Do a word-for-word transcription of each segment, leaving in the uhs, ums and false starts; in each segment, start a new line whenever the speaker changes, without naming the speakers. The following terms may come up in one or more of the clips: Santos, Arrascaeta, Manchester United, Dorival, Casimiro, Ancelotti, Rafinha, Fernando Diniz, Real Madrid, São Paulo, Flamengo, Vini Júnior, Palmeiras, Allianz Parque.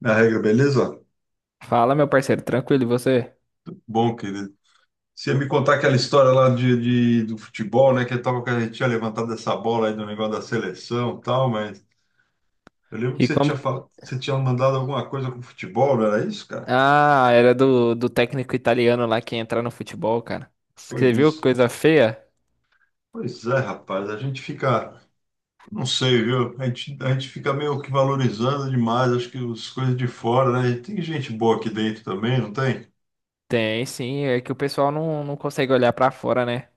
Na regra, beleza?
Fala, meu parceiro, tranquilo, e você?
Bom, querido. Você ia me contar aquela história lá de, de- do futebol, né? Que eu tava, que a gente tinha levantado essa bola aí do negócio da seleção e tal, mas eu lembro que
E
você
como.
tinha falado, você tinha mandado alguma coisa com futebol, não era isso, cara?
Ah, era do, do técnico italiano lá que ia entrar no futebol, cara.
Foi
Você viu que
isso.
coisa feia?
Pois é, rapaz, a gente fica, não sei, viu? A gente, a gente fica meio que valorizando demais, acho que as coisas de fora, né? E tem gente boa aqui dentro também, não tem?
Tem, sim, é que o pessoal não, não consegue olhar pra fora, né?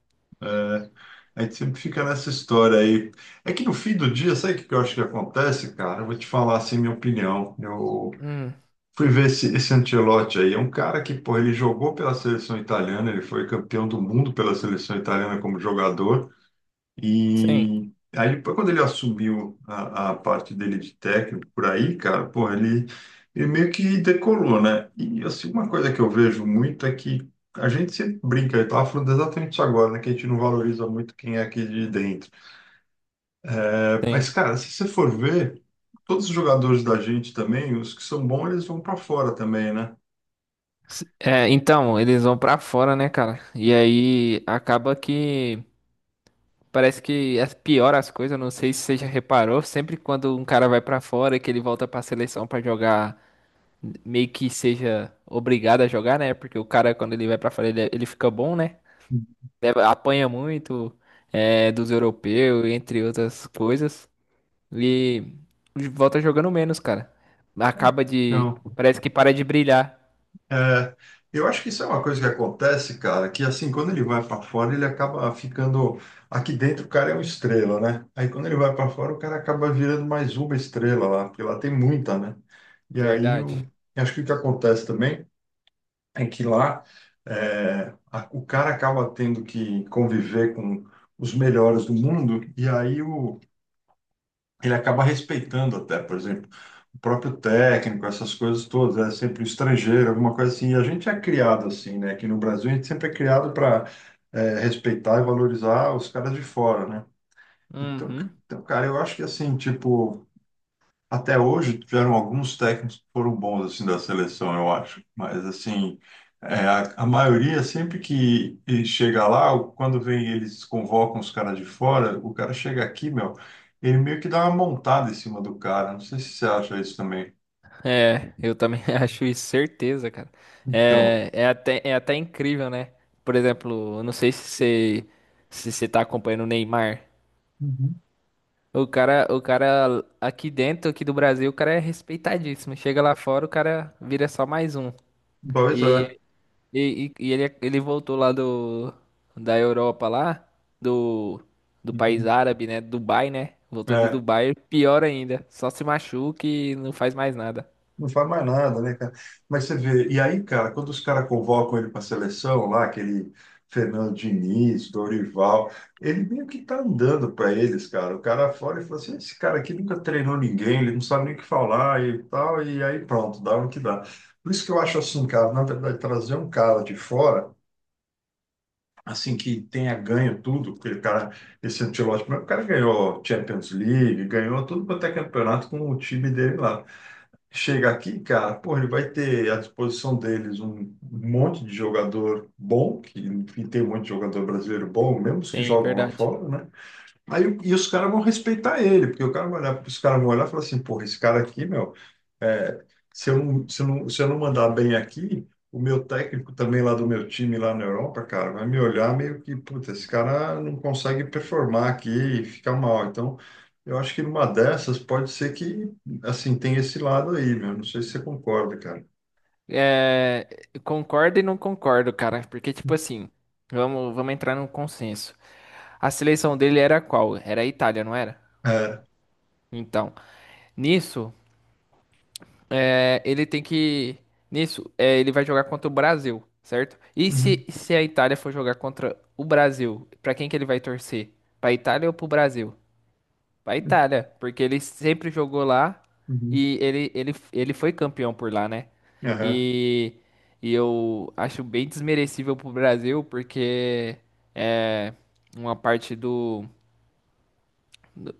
É, a gente sempre fica nessa história aí. É que no fim do dia, sabe o que que eu acho que acontece, cara? Eu vou te falar assim, minha opinião. Eu
Hum,
fui ver esse, esse Ancelotti aí. É um cara que, pô, ele jogou pela seleção italiana, ele foi campeão do mundo pela seleção italiana como jogador.
sim,
E aí, depois, quando ele assumiu a, a parte dele de técnico por aí, cara, pô, ele, ele meio que decolou, né? E assim, uma coisa que eu vejo muito é que a gente sempre brinca, eu estava falando exatamente isso agora, né? Que a gente não valoriza muito quem é aqui de dentro.
tem.
Mas, cara, se você for ver, todos os jogadores da gente também, os que são bons, eles vão para fora também, né?
S- É, então, eles vão pra fora, né, cara? E aí acaba que parece que as pior as coisas, não sei se você já reparou, sempre quando um cara vai pra fora e que ele volta pra seleção pra jogar meio que seja obrigado a jogar, né? Porque o cara, quando ele vai pra fora, ele, é, ele fica bom, né? Leva- Apanha muito é, dos europeus, entre outras coisas. E volta jogando menos, cara. Acaba de.
Então,
Parece que para de brilhar.
é, eu acho que isso é uma coisa que acontece, cara, que assim, quando ele vai para fora, ele acaba ficando. Aqui dentro o cara é uma estrela, né? Aí quando ele vai para fora, o cara acaba virando mais uma estrela lá, porque lá tem muita, né? E aí
Verdade.
eu acho que o que acontece também é que lá é, a- o cara acaba tendo que conviver com os melhores do mundo, e aí o ele acaba respeitando até, por exemplo, o próprio técnico, essas coisas todas, é sempre o estrangeiro, alguma coisa assim. E a gente é criado assim, né? Aqui no Brasil a gente sempre é criado para respeitar e valorizar os caras de fora, né? Então, ca-
Uhum.
então, cara, eu acho que assim, tipo, até hoje tiveram alguns técnicos que foram bons assim da seleção, eu acho. Mas assim, é, a, a maioria sempre que e chega lá, o- quando vem eles convocam os caras de fora, o cara chega aqui, meu, ele meio que dá uma montada em cima do cara. Não sei se você acha isso também.
É, eu também acho isso, certeza, cara.
Então,
É, é até, é até incrível, né? Por exemplo, eu não sei se você, se você tá acompanhando o Neymar.
uhum,
O cara, o cara aqui dentro, aqui do Brasil, o cara é respeitadíssimo. Chega lá fora, o cara vira só mais um.
pois é.
E, e, e e ele, ele voltou lá do, da Europa lá, do, do país
Uhum.
árabe, né? Dubai, né? Voltou de
É.
Dubai, pior ainda. Só se machuca e não faz mais nada.
Não faz mais nada, né, cara? Mas você vê, e aí, cara, quando os caras convocam ele para a seleção, lá, aquele Fernando Diniz, Dorival, ele meio que tá andando para eles, cara. O cara fora e fala assim: esse cara aqui nunca treinou ninguém, ele não sabe nem o que falar e tal, e aí pronto, dá no que dá. Por isso que eu acho assim, cara, na verdade, trazer um cara de fora, assim, que tenha ganho tudo, porque o cara, esse Ancelotti, o cara ganhou Champions League, ganhou tudo quanto é campeonato com o time dele lá, chega aqui, cara, pô, ele vai ter à disposição deles um monte de jogador bom, que enfim, tem um monte de jogador brasileiro bom, mesmo os que
Sim,
jogam lá
verdade.
fora, né? Aí, o- e os caras vão respeitar ele, porque o cara vai olhar, os caras vão olhar e falar assim, porra, esse cara aqui, meu. É, se eu não, se eu não, se eu não mandar bem aqui, o meu técnico também lá do meu time lá na Europa, cara, vai me olhar meio que, puta, esse cara não consegue performar aqui e fica mal. Então, eu acho que numa dessas pode ser que, assim, tem esse lado aí, meu. Não sei se você concorda, cara.
É, eu concordo e não concordo, cara. Porque, tipo assim, vamos, vamos entrar num consenso. A seleção dele era qual? Era a Itália, não era?
É.
Então, nisso. É, ele tem que. Nisso, é, ele vai jogar contra o Brasil, certo? E
Uhum.
se, se a Itália for jogar contra o Brasil, pra quem que ele vai torcer? Pra Itália ou pro Brasil? Pra Itália, porque ele sempre jogou lá
Uhum.
e ele, ele, ele foi campeão por lá, né?
Aham.
E, e eu acho bem desmerecível pro Brasil, porque é uma parte do.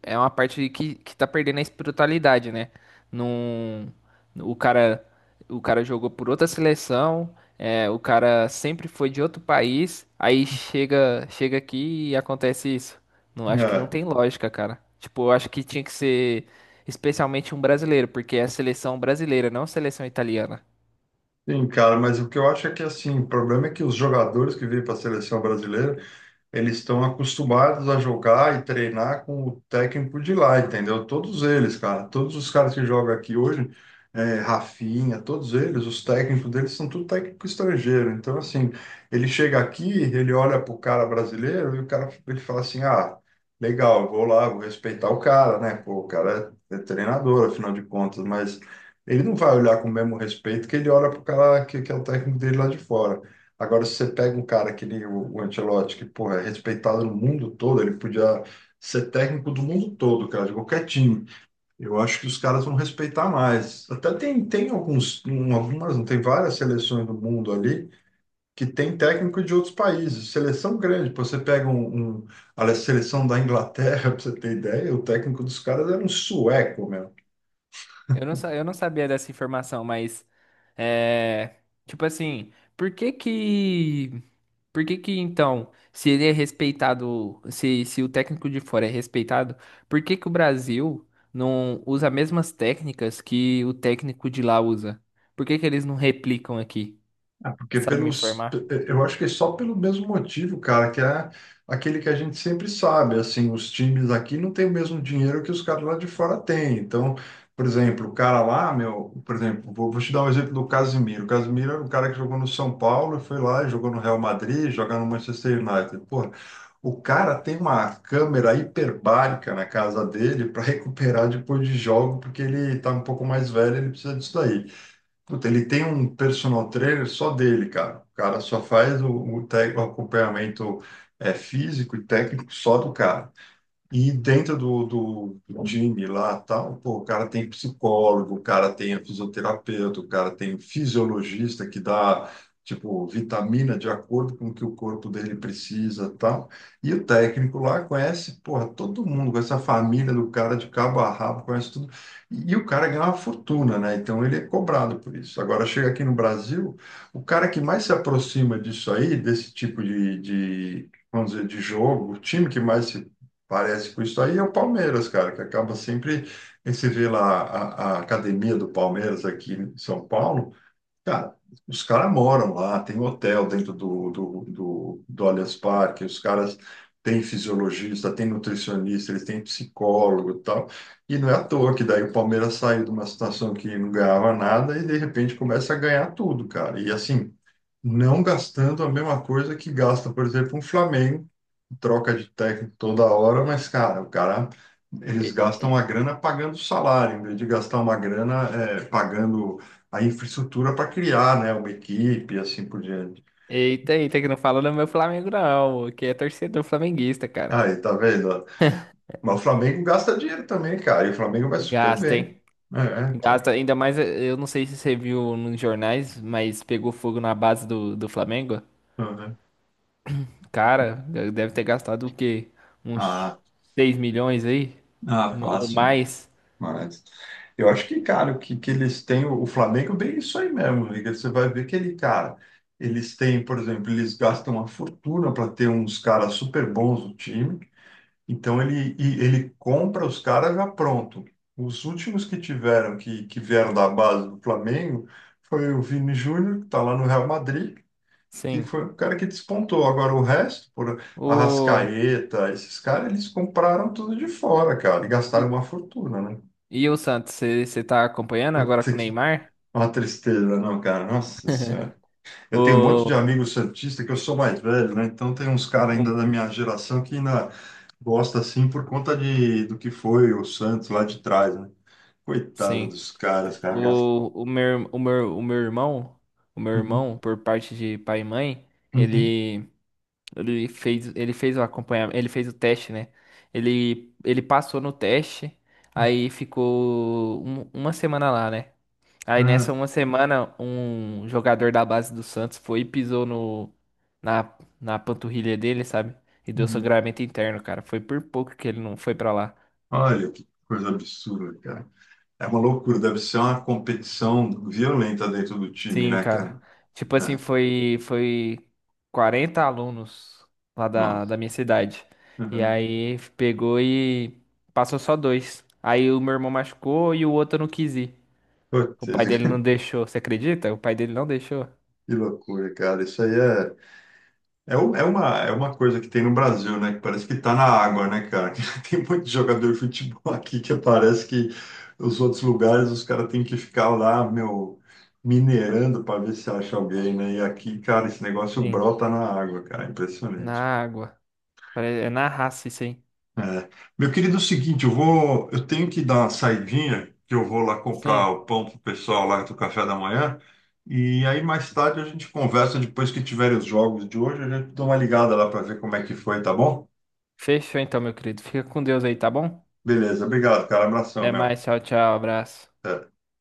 É uma parte que, que tá perdendo a espiritualidade, né? Num, o cara, o cara jogou por outra seleção, é, o cara sempre foi de outro país, aí chega, chega aqui e acontece isso. Não, acho que não
É.
tem lógica, cara. Tipo, eu acho que tinha que ser especialmente um brasileiro, porque é a seleção brasileira, não a seleção italiana.
Sim, cara, mas o que eu acho é que, assim, o problema é que os jogadores que vêm para a seleção brasileira eles estão acostumados a jogar e treinar com o técnico de lá, entendeu? Todos eles, cara, todos os caras que jogam aqui hoje, é, Rafinha, todos eles, os técnicos deles são tudo técnico estrangeiro. Então, assim, ele chega aqui, ele olha pro cara brasileiro e o cara ele fala assim, ah, legal, eu vou lá, vou respeitar o cara, né? Pô, o cara é, é treinador, afinal de contas, mas ele não vai olhar com o mesmo respeito que ele olha pro cara que, que é o técnico dele lá de fora. Agora, se você pega um cara que ele, o, o Ancelotti, que, porra, é respeitado no mundo todo, ele podia ser técnico do mundo todo, cara, de qualquer time. Eu acho que os caras vão respeitar mais. Até tem, tem alguns, um, algumas, não tem várias seleções do mundo ali que tem técnico de outros países. Seleção grande, pô, você pega um, um- a seleção da Inglaterra, pra você ter ideia, o técnico dos caras era um sueco, meu.
Eu não, sa- eu não sabia dessa informação, mas é, tipo assim, por que que Por que que então, se ele é respeitado, se, se o técnico de fora é respeitado, por que que o Brasil não usa as mesmas técnicas que o técnico de lá usa? Por que que eles não replicam aqui?
Porque
Sabe me
pelos,
informar?
eu acho que é só pelo mesmo motivo, cara, que é aquele que a gente sempre sabe, assim, os times aqui não têm o mesmo dinheiro que os caras lá de fora têm. Então, por exemplo, o cara lá, meu, por exemplo, vou, vou te dar um exemplo do Casimiro. O Casimiro era um cara que jogou no São Paulo, foi lá, jogou no Real Madrid, jogou no Manchester United. Porra, o cara tem uma câmera hiperbárica na casa dele para recuperar depois de jogo, porque ele tá um pouco mais velho, ele precisa disso daí. Puta, ele tem um personal trainer só dele, cara. O cara só faz o, o, tec- o acompanhamento é, físico e técnico só do cara. E dentro do, do, do time lá, tal, pô, o cara tem psicólogo, o cara tem fisioterapeuta, o cara tem fisiologista que dá, tipo, vitamina de acordo com o que o corpo dele precisa, tal. E o técnico lá conhece, porra, todo mundo, conhece a família do cara de cabo a rabo, conhece tudo. E, e o cara ganha uma fortuna, né? Então ele é cobrado por isso. Agora, chega aqui no Brasil, o cara que mais se aproxima disso aí, desse tipo de, de vamos dizer, de jogo, o time que mais se parece com isso aí é o Palmeiras, cara, que acaba sempre. Aí você vê lá a, a academia do Palmeiras aqui em São Paulo, cara, os caras moram lá, tem hotel dentro do, do, do, do Allianz Parque, os caras têm fisiologista, têm nutricionista, eles têm psicólogo e tal. E não é à toa que daí o Palmeiras saiu de uma situação que não ganhava nada e de repente começa a ganhar tudo, cara. E assim, não gastando a mesma coisa que gasta, por exemplo, um Flamengo troca de técnico toda hora, mas, cara, o cara, eles
E-
gastam uma grana pagando salário, em vez de gastar uma grana é, pagando a infraestrutura para criar, né, uma equipe e assim por diante.
Eita, eita, que não fala do meu Flamengo não, que é torcedor flamenguista, cara.
Aí, tá vendo, ó? Mas o Flamengo gasta dinheiro também, cara, e o Flamengo vai super
Gasta, hein?
bem. É, então.
Gasta, ainda mais, eh, eu não sei se você viu nos jornais, mas pegou fogo na base do, do Flamengo.
Tá vendo?
Cara, deve ter gastado o quê? Uns
Ah,
seis milhões aí?
ah,
Ou
fácil, né?
mais?
Mas eu acho que, cara, o que, que eles têm, o o Flamengo bem isso aí mesmo, Liga. Você vai ver que ele, cara, eles têm, por exemplo, eles gastam uma fortuna para ter uns caras super bons no time, então ele, e- ele compra os caras já pronto. Os últimos que tiveram, que, que vieram da base do Flamengo, foi o Vini Júnior, que está lá no Real Madrid, que
Sim.
foi o cara que despontou. Agora o resto, por
O...
Arrascaeta, esses caras, eles compraram tudo de fora, cara, e gastaram
E,
uma fortuna, né?
e o Santos, você tá acompanhando agora com
Puta,
o
que
Neymar?
uma tristeza, não, cara. Nossa Senhora. Eu tenho um monte de
O,
amigo santista que eu sou mais velho, né? Então tem uns caras
o-
ainda da minha geração que ainda gosta assim por conta de do que foi o Santos lá de trás, né? Coitado
sim.
dos caras, cara. Gasta-
O, o meu, o meu, o meu irmão, o meu
uhum,
irmão, por parte de pai e mãe,
uhum,
ele, ele fez, ele fez o acompanhamento, ele fez o teste, né? Ele, ele passou no teste, aí ficou um- uma semana lá, né? Aí
é,
nessa uma semana, um jogador da base do Santos foi e pisou no, na, na panturrilha dele, sabe? E deu
uhum.
sangramento interno, cara. Foi por pouco que ele não foi pra lá.
Olha que coisa absurda, cara. É uma loucura, deve ser uma competição violenta dentro do time,
Sim,
né,
cara.
cara?
Tipo assim,
É,
foi, foi quarenta alunos lá da, da
nossa.
minha cidade. E
Uhum.
aí pegou e passou só dois. Aí o meu irmão machucou e o outro não quis ir.
Putz,
O pai dele não deixou. Você acredita? O pai dele não deixou.
que loucura, cara. Isso aí é. É, u- é uma, é uma coisa que tem no Brasil, né? Que parece que tá na água, né, cara? Tem muito jogador de futebol aqui que parece que os outros lugares os caras têm que ficar lá, meu, minerando para ver se acha alguém, né? E aqui, cara, esse negócio
Sim.
brota na água, cara.
Na
Impressionante.
água. Pare- É na raça isso aí.
É. Meu querido, é o seguinte, eu vou, eu tenho que dar uma saidinha, que eu vou lá comprar
Sim.
o pão pro pessoal lá do café da manhã. E aí mais tarde a gente conversa depois que tiverem os jogos de hoje, a gente dá uma ligada lá para ver como é que foi, tá bom?
Fechou então, meu querido. Fica com Deus aí, tá bom?
Beleza, obrigado, cara. Abração,
Até
meu.
mais, tchau, tchau, abraço.
Até.